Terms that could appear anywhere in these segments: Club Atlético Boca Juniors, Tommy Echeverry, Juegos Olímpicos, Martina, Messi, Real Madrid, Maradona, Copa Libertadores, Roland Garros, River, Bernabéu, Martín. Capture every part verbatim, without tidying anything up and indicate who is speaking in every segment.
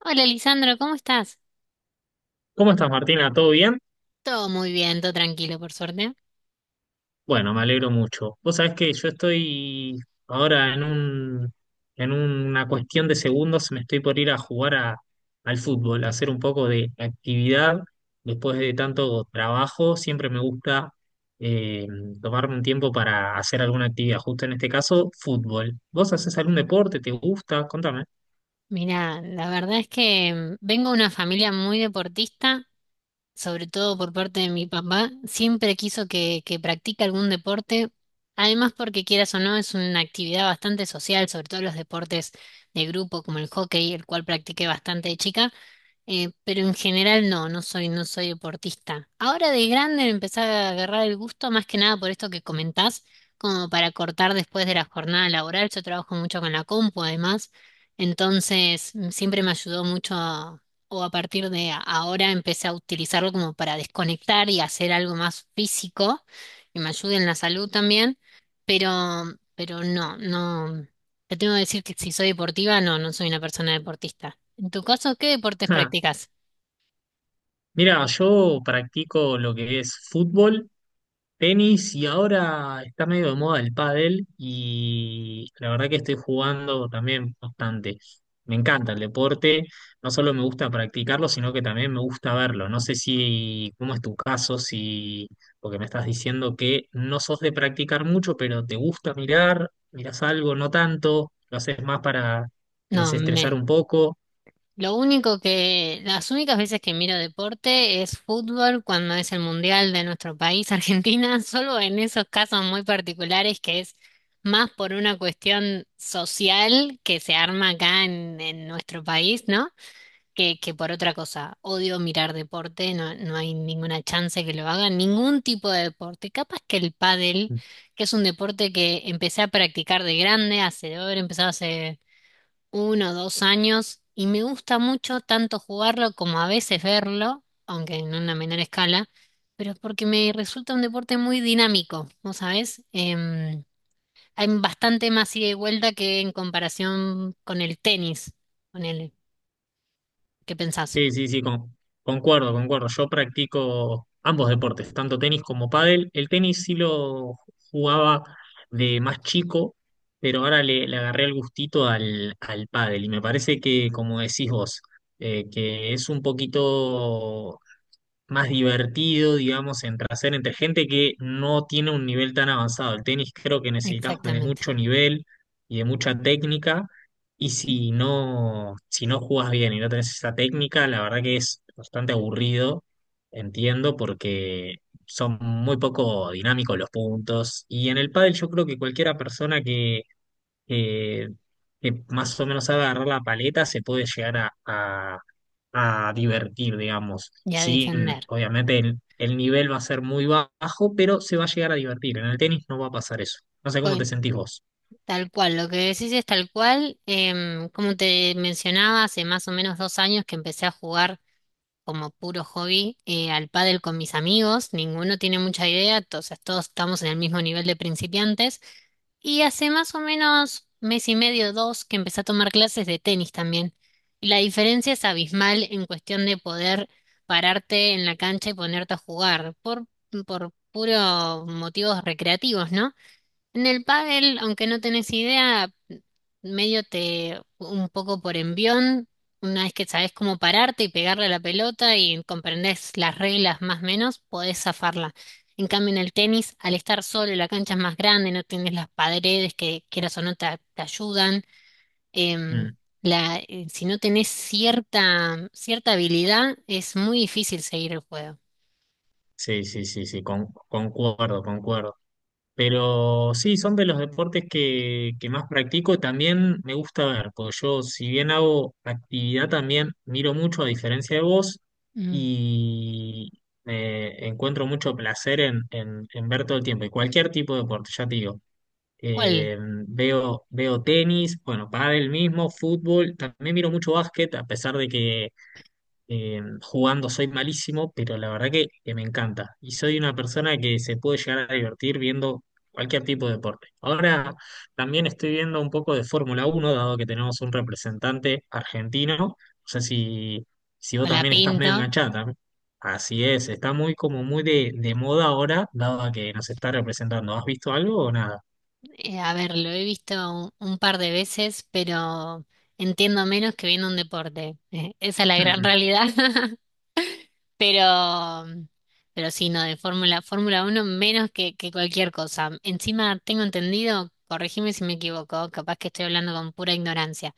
Speaker 1: Hola, Lisandro, ¿cómo estás?
Speaker 2: ¿Cómo estás, Martina? ¿Todo bien?
Speaker 1: Todo muy bien, todo tranquilo, por suerte.
Speaker 2: Bueno, me alegro mucho. Vos sabés que yo estoy ahora en un, en una cuestión de segundos, me estoy por ir a jugar a- al fútbol, a hacer un poco de actividad. Después de tanto trabajo, siempre me gusta eh, tomarme un tiempo para hacer alguna actividad, justo en este caso, fútbol. ¿Vos haces algún deporte? ¿Te gusta? Contame.
Speaker 1: Mira, la verdad es que mm, vengo de una familia muy deportista, sobre todo por parte de mi papá. Siempre quiso que, que practique algún deporte, además porque quieras o no, es una actividad bastante social, sobre todo los deportes de grupo como el hockey, el cual practiqué bastante de chica. Eh, pero en general no, no soy, no soy deportista. Ahora de grande me empecé a agarrar el gusto más que nada por esto que comentás, como para cortar después de la jornada laboral. Yo trabajo mucho con la compu además, entonces mm, siempre me ayudó mucho a- o a partir de a- ahora empecé a utilizarlo como para desconectar y hacer algo más físico, que me ayude en la salud también, pero, pero no, no, te tengo que decir que si soy deportiva, no, no soy una persona deportista. En tu caso, ¿qué deportes
Speaker 2: Ah,
Speaker 1: practicas?
Speaker 2: Mira, yo practico lo que es fútbol, tenis, y ahora está medio de moda el pádel y la verdad que estoy jugando también bastante. Me encanta el deporte, no solo me gusta practicarlo, sino que también me gusta verlo. No sé si, cómo es tu caso, si, porque me estás diciendo que no sos de practicar mucho, pero te gusta mirar, mirás algo, no tanto, lo haces más para
Speaker 1: No,
Speaker 2: desestresar
Speaker 1: men.
Speaker 2: un poco.
Speaker 1: Lo único que, las únicas veces que miro deporte es fútbol cuando es el mundial de nuestro país, Argentina, solo en esos casos muy particulares que es más por una cuestión social que se arma acá en, en nuestro país, ¿no? Que, que por otra cosa. Odio mirar deporte, no, no hay ninguna chance que lo haga, ningún tipo de deporte. Capaz que el pádel, que es un deporte que empecé a practicar de grande, hace, debo haber empezado hace uno o dos años y me gusta mucho tanto jugarlo como a veces verlo, aunque en una menor escala, pero es porque me resulta un deporte muy dinámico, ¿vos sabés? Em, hay bastante más ida y vuelta que en comparación con el tenis, con el, ¿qué pensás?
Speaker 2: Sí, sí, sí, con- concuerdo, concuerdo. Yo practico ambos deportes, tanto tenis como pádel. El tenis sí lo jugaba de más chico, pero ahora le, le agarré el gustito al, al pádel. Y me parece que, como decís vos, eh, que es un poquito más divertido, digamos, entre hacer entre gente que no tiene un nivel tan avanzado. El tenis creo que necesitas de
Speaker 1: Exactamente.
Speaker 2: mucho nivel y de mucha técnica, y si no, si no jugás bien y no tenés esa técnica, la verdad que es bastante aburrido, entiendo, porque son muy poco dinámicos los puntos. Y en el pádel yo creo que cualquiera persona que eh, que más o menos sabe agarrar la paleta, se puede llegar a, a- a divertir, digamos.
Speaker 1: Y a
Speaker 2: Sí,
Speaker 1: defender.
Speaker 2: obviamente el, el nivel va a ser muy bajo, pero se va a llegar a divertir. En el tenis no va a pasar eso. No sé
Speaker 1: Co-
Speaker 2: cómo te sentís vos.
Speaker 1: Tal cual, lo que decís es tal cual. Em, como te mencionaba, hace más o menos dos años que empecé a jugar como puro hobby, eh, al pádel con mis amigos, ninguno tiene mucha idea, to- o sea, todos estamos en el mismo nivel de principiantes y hace más o menos mes y medio, dos, que empecé a tomar clases de tenis también. Y la diferencia es abismal en cuestión de poder pararte en la cancha y ponerte a jugar por, por puros motivos recreativos, ¿no? En el pádel, aunque no tenés idea, medio te un poco por envión, una vez que sabés cómo pararte y pegarle a la pelota y comprendés las reglas más o menos, podés zafarla. En cambio, en el tenis, al estar solo, la cancha es más grande, no tienes las paredes que quieras o no te, te ayudan. em,
Speaker 2: Mm,
Speaker 1: la, eh, si no tenés cierta, cierta habilidad, es muy difícil seguir el juego.
Speaker 2: Sí, sí, sí, sí, con- concuerdo, concuerdo. Pero sí, son de los deportes que, que más practico. También me gusta ver, porque yo, si bien hago actividad, también miro mucho, a diferencia de vos,
Speaker 1: Mm.
Speaker 2: y eh, encuentro mucho placer en, en- en ver todo el tiempo. Y cualquier tipo de deporte, ya te digo.
Speaker 1: ¿Cuál?
Speaker 2: Eh, veo, veo tenis, bueno, pádel mismo, fútbol. También miro mucho básquet, a pesar de que eh, jugando soy malísimo, pero la verdad que, que me encanta. Y soy una persona que se puede llegar a divertir viendo cualquier tipo de deporte. Ahora también estoy viendo un poco de Fórmula Uno, dado que tenemos un representante argentino. No sé si, si vos
Speaker 1: Con la
Speaker 2: también estás medio
Speaker 1: pinto.
Speaker 2: enganchada. También. Así es, está muy como muy de, de moda ahora, dado que nos está representando. ¿Has visto algo o nada?
Speaker 1: Eh, a ver, lo he visto un, un par de veces, pero entiendo menos que viendo un deporte. Eh, esa es la gran realidad. Pero, pero sí, no, de Fórmula, Fórmula uno menos que, que cualquier cosa. Encima tengo entendido, corregime si me equivoco, capaz que estoy hablando con pura ignorancia,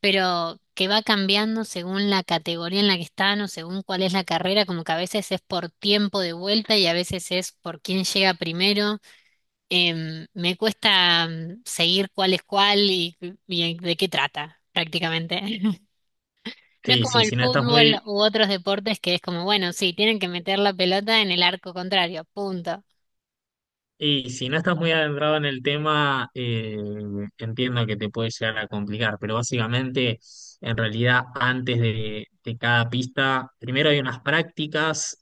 Speaker 1: pero que va cambiando según la categoría en la que están o según cuál es la carrera, como que a veces es por tiempo de vuelta y a veces es por quién llega primero. Em, me cuesta mm, seguir cuál es cuál y, y de qué trata, prácticamente. No es
Speaker 2: Sí,
Speaker 1: como
Speaker 2: sí,
Speaker 1: el
Speaker 2: si no estás
Speaker 1: fútbol
Speaker 2: muy,
Speaker 1: u otros deportes que es como, bueno, sí, tienen que meter la pelota en el arco contrario, punto.
Speaker 2: y si no estás muy adentrado en el tema, eh, entiendo que te puede llegar a complicar, pero básicamente, en realidad, antes de, de cada pista, primero hay unas prácticas.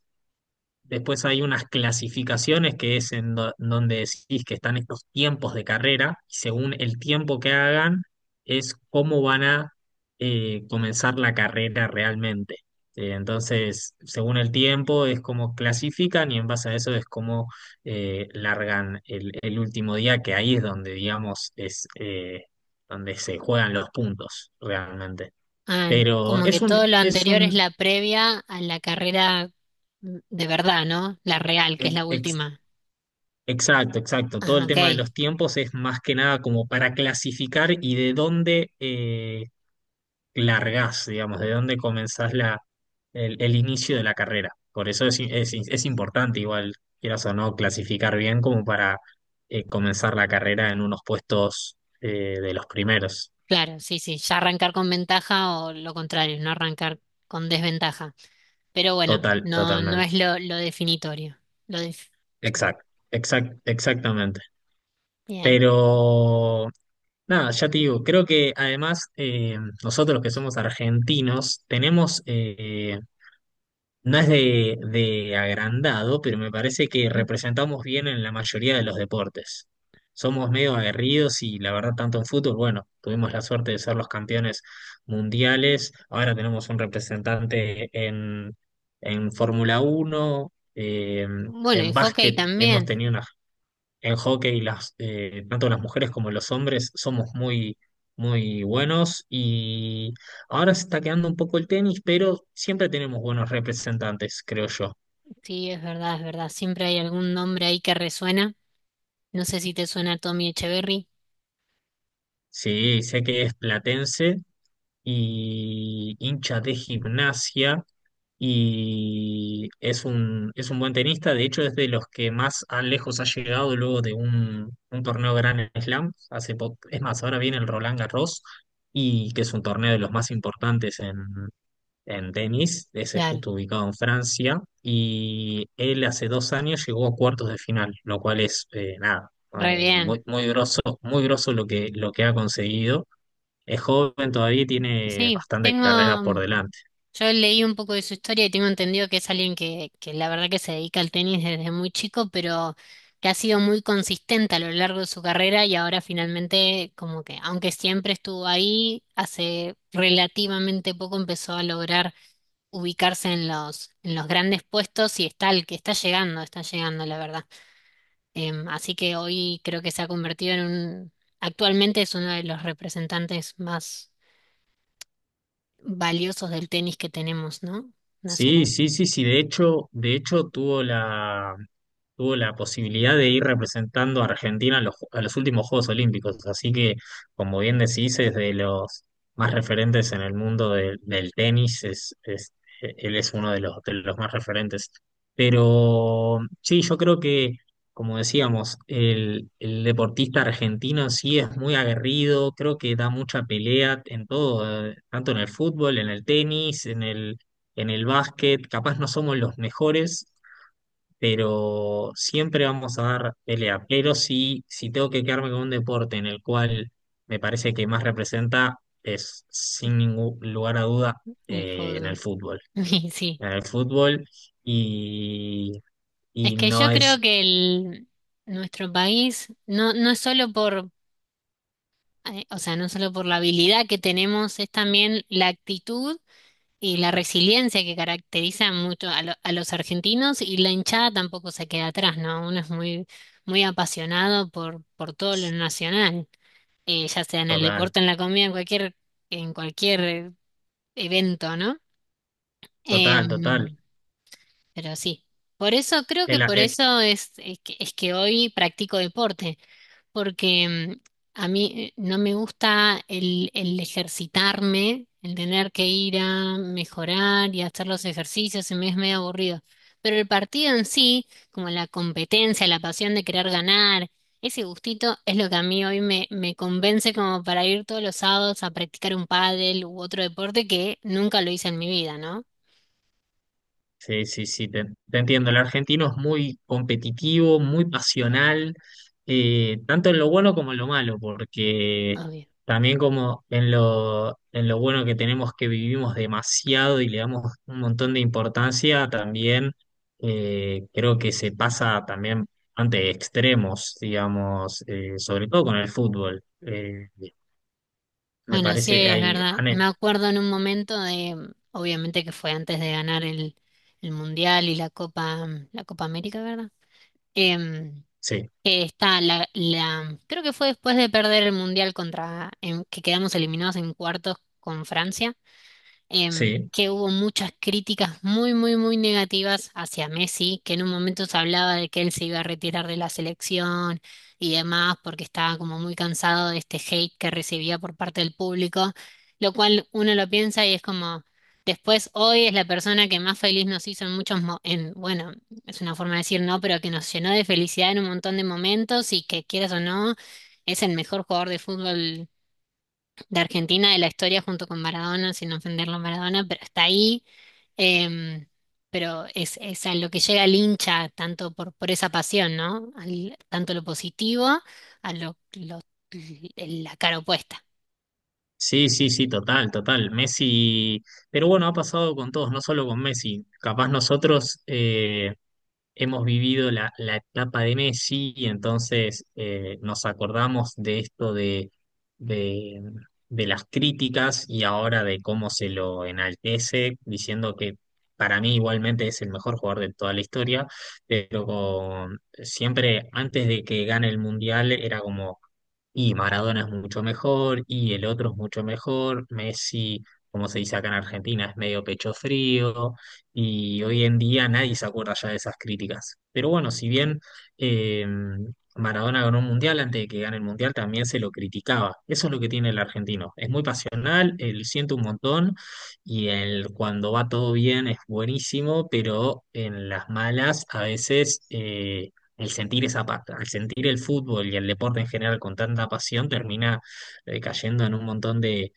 Speaker 2: Después hay unas clasificaciones que es en do- donde decís que están estos tiempos de carrera y según el tiempo que hagan es cómo van a eh, comenzar la carrera realmente. Eh, entonces, según el tiempo es como clasifican y en base a eso es como eh, largan el, el último día, que ahí es donde, digamos, es eh, donde se juegan los puntos realmente.
Speaker 1: Ah,
Speaker 2: Pero
Speaker 1: como que
Speaker 2: es
Speaker 1: todo
Speaker 2: un,
Speaker 1: lo
Speaker 2: es
Speaker 1: anterior es
Speaker 2: un
Speaker 1: la previa a la carrera, mm, de verdad, ¿no? La real, que es la
Speaker 2: ex-
Speaker 1: última.
Speaker 2: exacto, exacto. Todo
Speaker 1: Ah,
Speaker 2: el
Speaker 1: ok,
Speaker 2: tema de los tiempos es más que nada como para clasificar y de dónde eh, largás, digamos, de dónde comenzás la, el, el inicio de la carrera. Por eso es, es- es importante, igual, quieras o no, clasificar bien como para eh, comenzar la carrera en unos puestos eh, de los primeros.
Speaker 1: claro, sí, sí, ya arrancar con ventaja o lo contrario, no arrancar con desventaja. Pero bueno,
Speaker 2: Total,
Speaker 1: no, no
Speaker 2: totalmente.
Speaker 1: es lo, lo definitorio. Lo def- sí.
Speaker 2: Exacto, exact, exactamente.
Speaker 1: Bien.
Speaker 2: Pero nada, ya te digo, creo que además eh, nosotros que somos argentinos tenemos, eh, no es de, de agrandado, pero me parece que
Speaker 1: Ujú.
Speaker 2: representamos bien en la mayoría de los deportes. Somos medio aguerridos y la verdad tanto en fútbol, bueno, tuvimos la suerte de ser los campeones mundiales, ahora tenemos un representante en, en Fórmula Uno, eh,
Speaker 1: Bueno, y
Speaker 2: en
Speaker 1: hockey
Speaker 2: básquet hemos
Speaker 1: también.
Speaker 2: tenido una, en hockey, las, eh, tanto las mujeres como los hombres somos muy, muy buenos y ahora se está quedando un poco el tenis, pero siempre tenemos buenos representantes, creo yo.
Speaker 1: Sí, es verdad, es verdad. Siempre hay algún nombre ahí que resuena. No sé si te suena Tommy Echeverry.
Speaker 2: Sí, sé que es platense y hincha de gimnasia y es un, es un buen tenista, de hecho es de los que más a lejos ha llegado luego de un, un torneo Grand Slam, hace po- es más, ahora viene el Roland Garros y que es un torneo de los más importantes en, en tenis, ese es
Speaker 1: Claro,
Speaker 2: justo ubicado en Francia, y él hace dos años llegó a cuartos de final, lo cual es eh, nada,
Speaker 1: re
Speaker 2: eh,
Speaker 1: bien.
Speaker 2: muy, muy groso, muy groso lo que, lo que ha conseguido. Es joven todavía y tiene
Speaker 1: Sí,
Speaker 2: bastante
Speaker 1: tengo.
Speaker 2: carrera por
Speaker 1: mm,
Speaker 2: delante.
Speaker 1: Yo leí un poco de su historia y tengo entendido que es alguien que, que la verdad que se dedica al tenis desde muy chico, pero que ha sido muy consistente a lo largo de su carrera y ahora finalmente, como que, aunque siempre estuvo ahí, hace relativamente poco empezó a lograr ubicarse en los, en los grandes puestos y está el que está llegando, está llegando, la verdad. Em, así que hoy creo que se ha convertido en un, actualmente es uno de los representantes más valiosos del tenis que tenemos, ¿no?
Speaker 2: Sí,
Speaker 1: Nacional,
Speaker 2: sí, sí, sí. De hecho, de hecho tuvo la, tuvo la posibilidad de ir representando a Argentina a los, a los últimos Juegos Olímpicos. Así que, como bien decís, es de los más referentes en el mundo del del tenis. Es, es, e, él es uno de los, de los más referentes. Pero sí, yo creo que, como decíamos, el, el deportista argentino sí es muy aguerrido. Creo que da mucha pelea en todo, eh, tanto en el fútbol, en el tenis, en el en el básquet, capaz no somos los mejores, pero siempre vamos a dar pelea. Pero si, si tengo que quedarme con un deporte en el cual me parece que más representa, es sin ningún lugar a duda
Speaker 1: el
Speaker 2: eh, en el
Speaker 1: fútbol.
Speaker 2: fútbol.
Speaker 1: Y sí,
Speaker 2: En el fútbol y,
Speaker 1: es
Speaker 2: y
Speaker 1: que
Speaker 2: no
Speaker 1: yo creo
Speaker 2: es
Speaker 1: que el, nuestro país no, no es solo por, eh, o sea, no solo por la habilidad que tenemos, es también la actitud y la resiliencia que caracteriza mucho a, lo- a los argentinos, y la hinchada tampoco se queda atrás, ¿no? Uno es muy, muy apasionado por, por todo lo nacional, eh, ya sea en el
Speaker 2: total,
Speaker 1: deporte, en la comida, en cualquier, en cualquier eh, evento, ¿no?
Speaker 2: total, total.
Speaker 1: Em, pero sí, por eso creo que
Speaker 2: El,
Speaker 1: por
Speaker 2: el-
Speaker 1: eso es, es que, es que hoy practico deporte porque mm, a mí eh, no me gusta el, el ejercitarme, el tener que ir a mejorar y hacer los ejercicios, se me es medio aburrido. Pero el partido en sí, como la competencia, la pasión de querer ganar, ese gustito es lo que a mí hoy me, me convence como para ir todos los sábados a practicar un pádel u otro deporte que nunca lo hice en mi vida, ¿no?
Speaker 2: Sí, sí, sí, te, te entiendo. El argentino es muy competitivo, muy pasional, eh, tanto en lo bueno como en lo malo, porque
Speaker 1: Obvio.
Speaker 2: también como en lo, en lo bueno que tenemos que vivimos demasiado y le damos un montón de importancia, también eh, creo que se pasa también ante extremos, digamos, eh, sobre todo con el fútbol. Eh, me
Speaker 1: Bueno, sí,
Speaker 2: parece,
Speaker 1: es
Speaker 2: hay,
Speaker 1: verdad.
Speaker 2: ane-
Speaker 1: Me acuerdo en un momento de, mm, obviamente que fue antes de ganar el, el Mundial y la Copa, mm, la Copa América, ¿verdad? Em,
Speaker 2: sí,
Speaker 1: que está la, la, creo que fue después de perder el Mundial contra, en, que quedamos eliminados en cuartos con Francia, em,
Speaker 2: sí.
Speaker 1: que hubo muchas críticas muy, muy, muy negativas hacia Messi, que en un momento se hablaba de que él se iba a retirar de la selección y demás, porque estaba como muy cansado de este hate que recibía por parte del público, lo cual uno lo piensa y es como, después hoy es la persona que más feliz nos hizo en muchos, mo- en, bueno, es una forma de decir no, pero que nos llenó de felicidad en un montón de momentos y que quieras o no, es el mejor jugador de fútbol de Argentina de la historia junto con Maradona, sin ofenderlo a Maradona, pero está ahí. em, pero es, es a lo que llega el hincha, tanto por, por esa pasión, ¿no? Al- tanto lo positivo a lo, lo- la cara opuesta.
Speaker 2: Sí, sí, sí, total, total. Messi, pero bueno, ha pasado con todos, no solo con Messi. Capaz nosotros, eh, hemos vivido la, la etapa de Messi y entonces eh, nos acordamos de esto de, de, de las críticas y ahora de cómo se lo enaltece, diciendo que para mí igualmente es el mejor jugador de toda la historia, pero con- siempre antes de que gane el Mundial era como... Y Maradona es mucho mejor, y el otro es mucho mejor. Messi, como se dice acá en Argentina, es medio pecho frío y hoy en día nadie se acuerda ya de esas críticas. Pero bueno, si bien eh, Maradona ganó un mundial, antes de que gane el mundial también se lo criticaba. Eso es lo que tiene el argentino. Es muy pasional, él siente un montón y él cuando va todo bien es buenísimo, pero en las malas a veces... eh, El sentir esa, pa- al sentir el fútbol y el deporte en general con tanta pasión, termina eh, cayendo en un montón eh,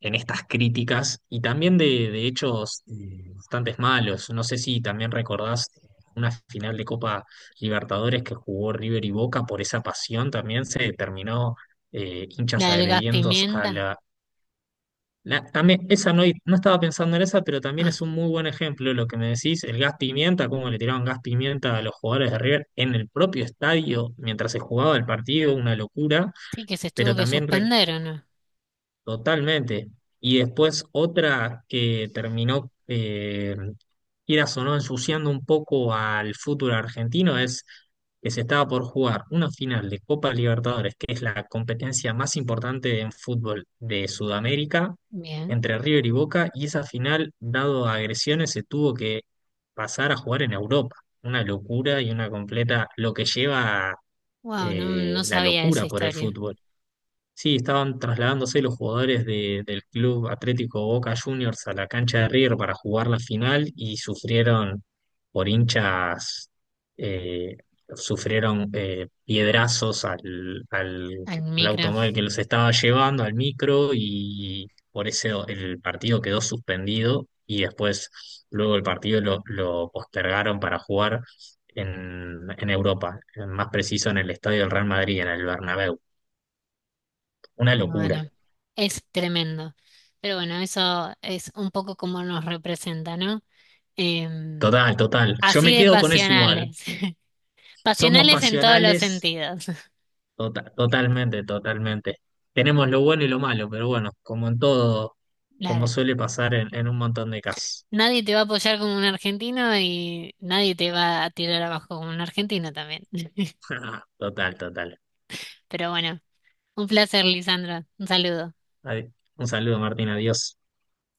Speaker 2: en estas críticas y también de, de hechos eh, bastante malos. No sé si también recordás una final de Copa Libertadores que jugó River y Boca por esa pasión, también se terminó eh, hinchas
Speaker 1: La del gas
Speaker 2: agrediendo a
Speaker 1: pimienta.
Speaker 2: la... la- también, esa no, no estaba pensando en esa, pero también
Speaker 1: Ah,
Speaker 2: es un muy buen ejemplo lo que me decís, el gas pimienta, cómo le tiraron gas pimienta a los jugadores de River en el propio estadio mientras se jugaba el partido, una locura,
Speaker 1: sí, que se
Speaker 2: pero
Speaker 1: tuvo que
Speaker 2: también re-
Speaker 1: suspender, ¿o no?
Speaker 2: totalmente. Y después otra que terminó, eh, quieras o no, ensuciando un poco al fútbol argentino es que se estaba por jugar una final de Copa Libertadores, que es la competencia más importante en fútbol de Sudamérica,
Speaker 1: Bien.
Speaker 2: entre River y Boca, y esa final, dado agresiones, se tuvo que pasar a jugar en Europa. Una locura y una completa, lo que lleva
Speaker 1: Wow, no,
Speaker 2: eh,
Speaker 1: no
Speaker 2: la
Speaker 1: sabía esa
Speaker 2: locura por el
Speaker 1: historia.
Speaker 2: fútbol. Sí, estaban trasladándose los jugadores de- del Club Atlético Boca Juniors a la cancha de River para jugar la final y sufrieron por hinchas, eh, sufrieron eh, piedrazos al, al,
Speaker 1: Al
Speaker 2: al
Speaker 1: micro.
Speaker 2: automóvil que los estaba llevando, al micro, y por eso el partido quedó suspendido y después luego el partido lo, lo postergaron para jugar en, en Europa, más preciso en el estadio del Real Madrid, en el Bernabéu. Una
Speaker 1: Y
Speaker 2: locura.
Speaker 1: bueno, es tremendo. Pero bueno, eso es un poco como nos representa, ¿no? Em,
Speaker 2: Total, total. Yo me
Speaker 1: Así de
Speaker 2: quedo con eso igual.
Speaker 1: pasionales.
Speaker 2: Somos
Speaker 1: Pasionales en todos los
Speaker 2: pasionales,
Speaker 1: sentidos.
Speaker 2: tota- totalmente, totalmente. Tenemos lo bueno y lo malo, pero bueno, como en todo, como
Speaker 1: Claro.
Speaker 2: suele pasar en, en un montón de casos.
Speaker 1: Nadie te va a apoyar como un argentino y nadie te va a tirar abajo como un argentino también.
Speaker 2: Total, total.
Speaker 1: Pero bueno, un placer, Lisandro. Un saludo.
Speaker 2: Adi- Un saludo, Martín, adiós.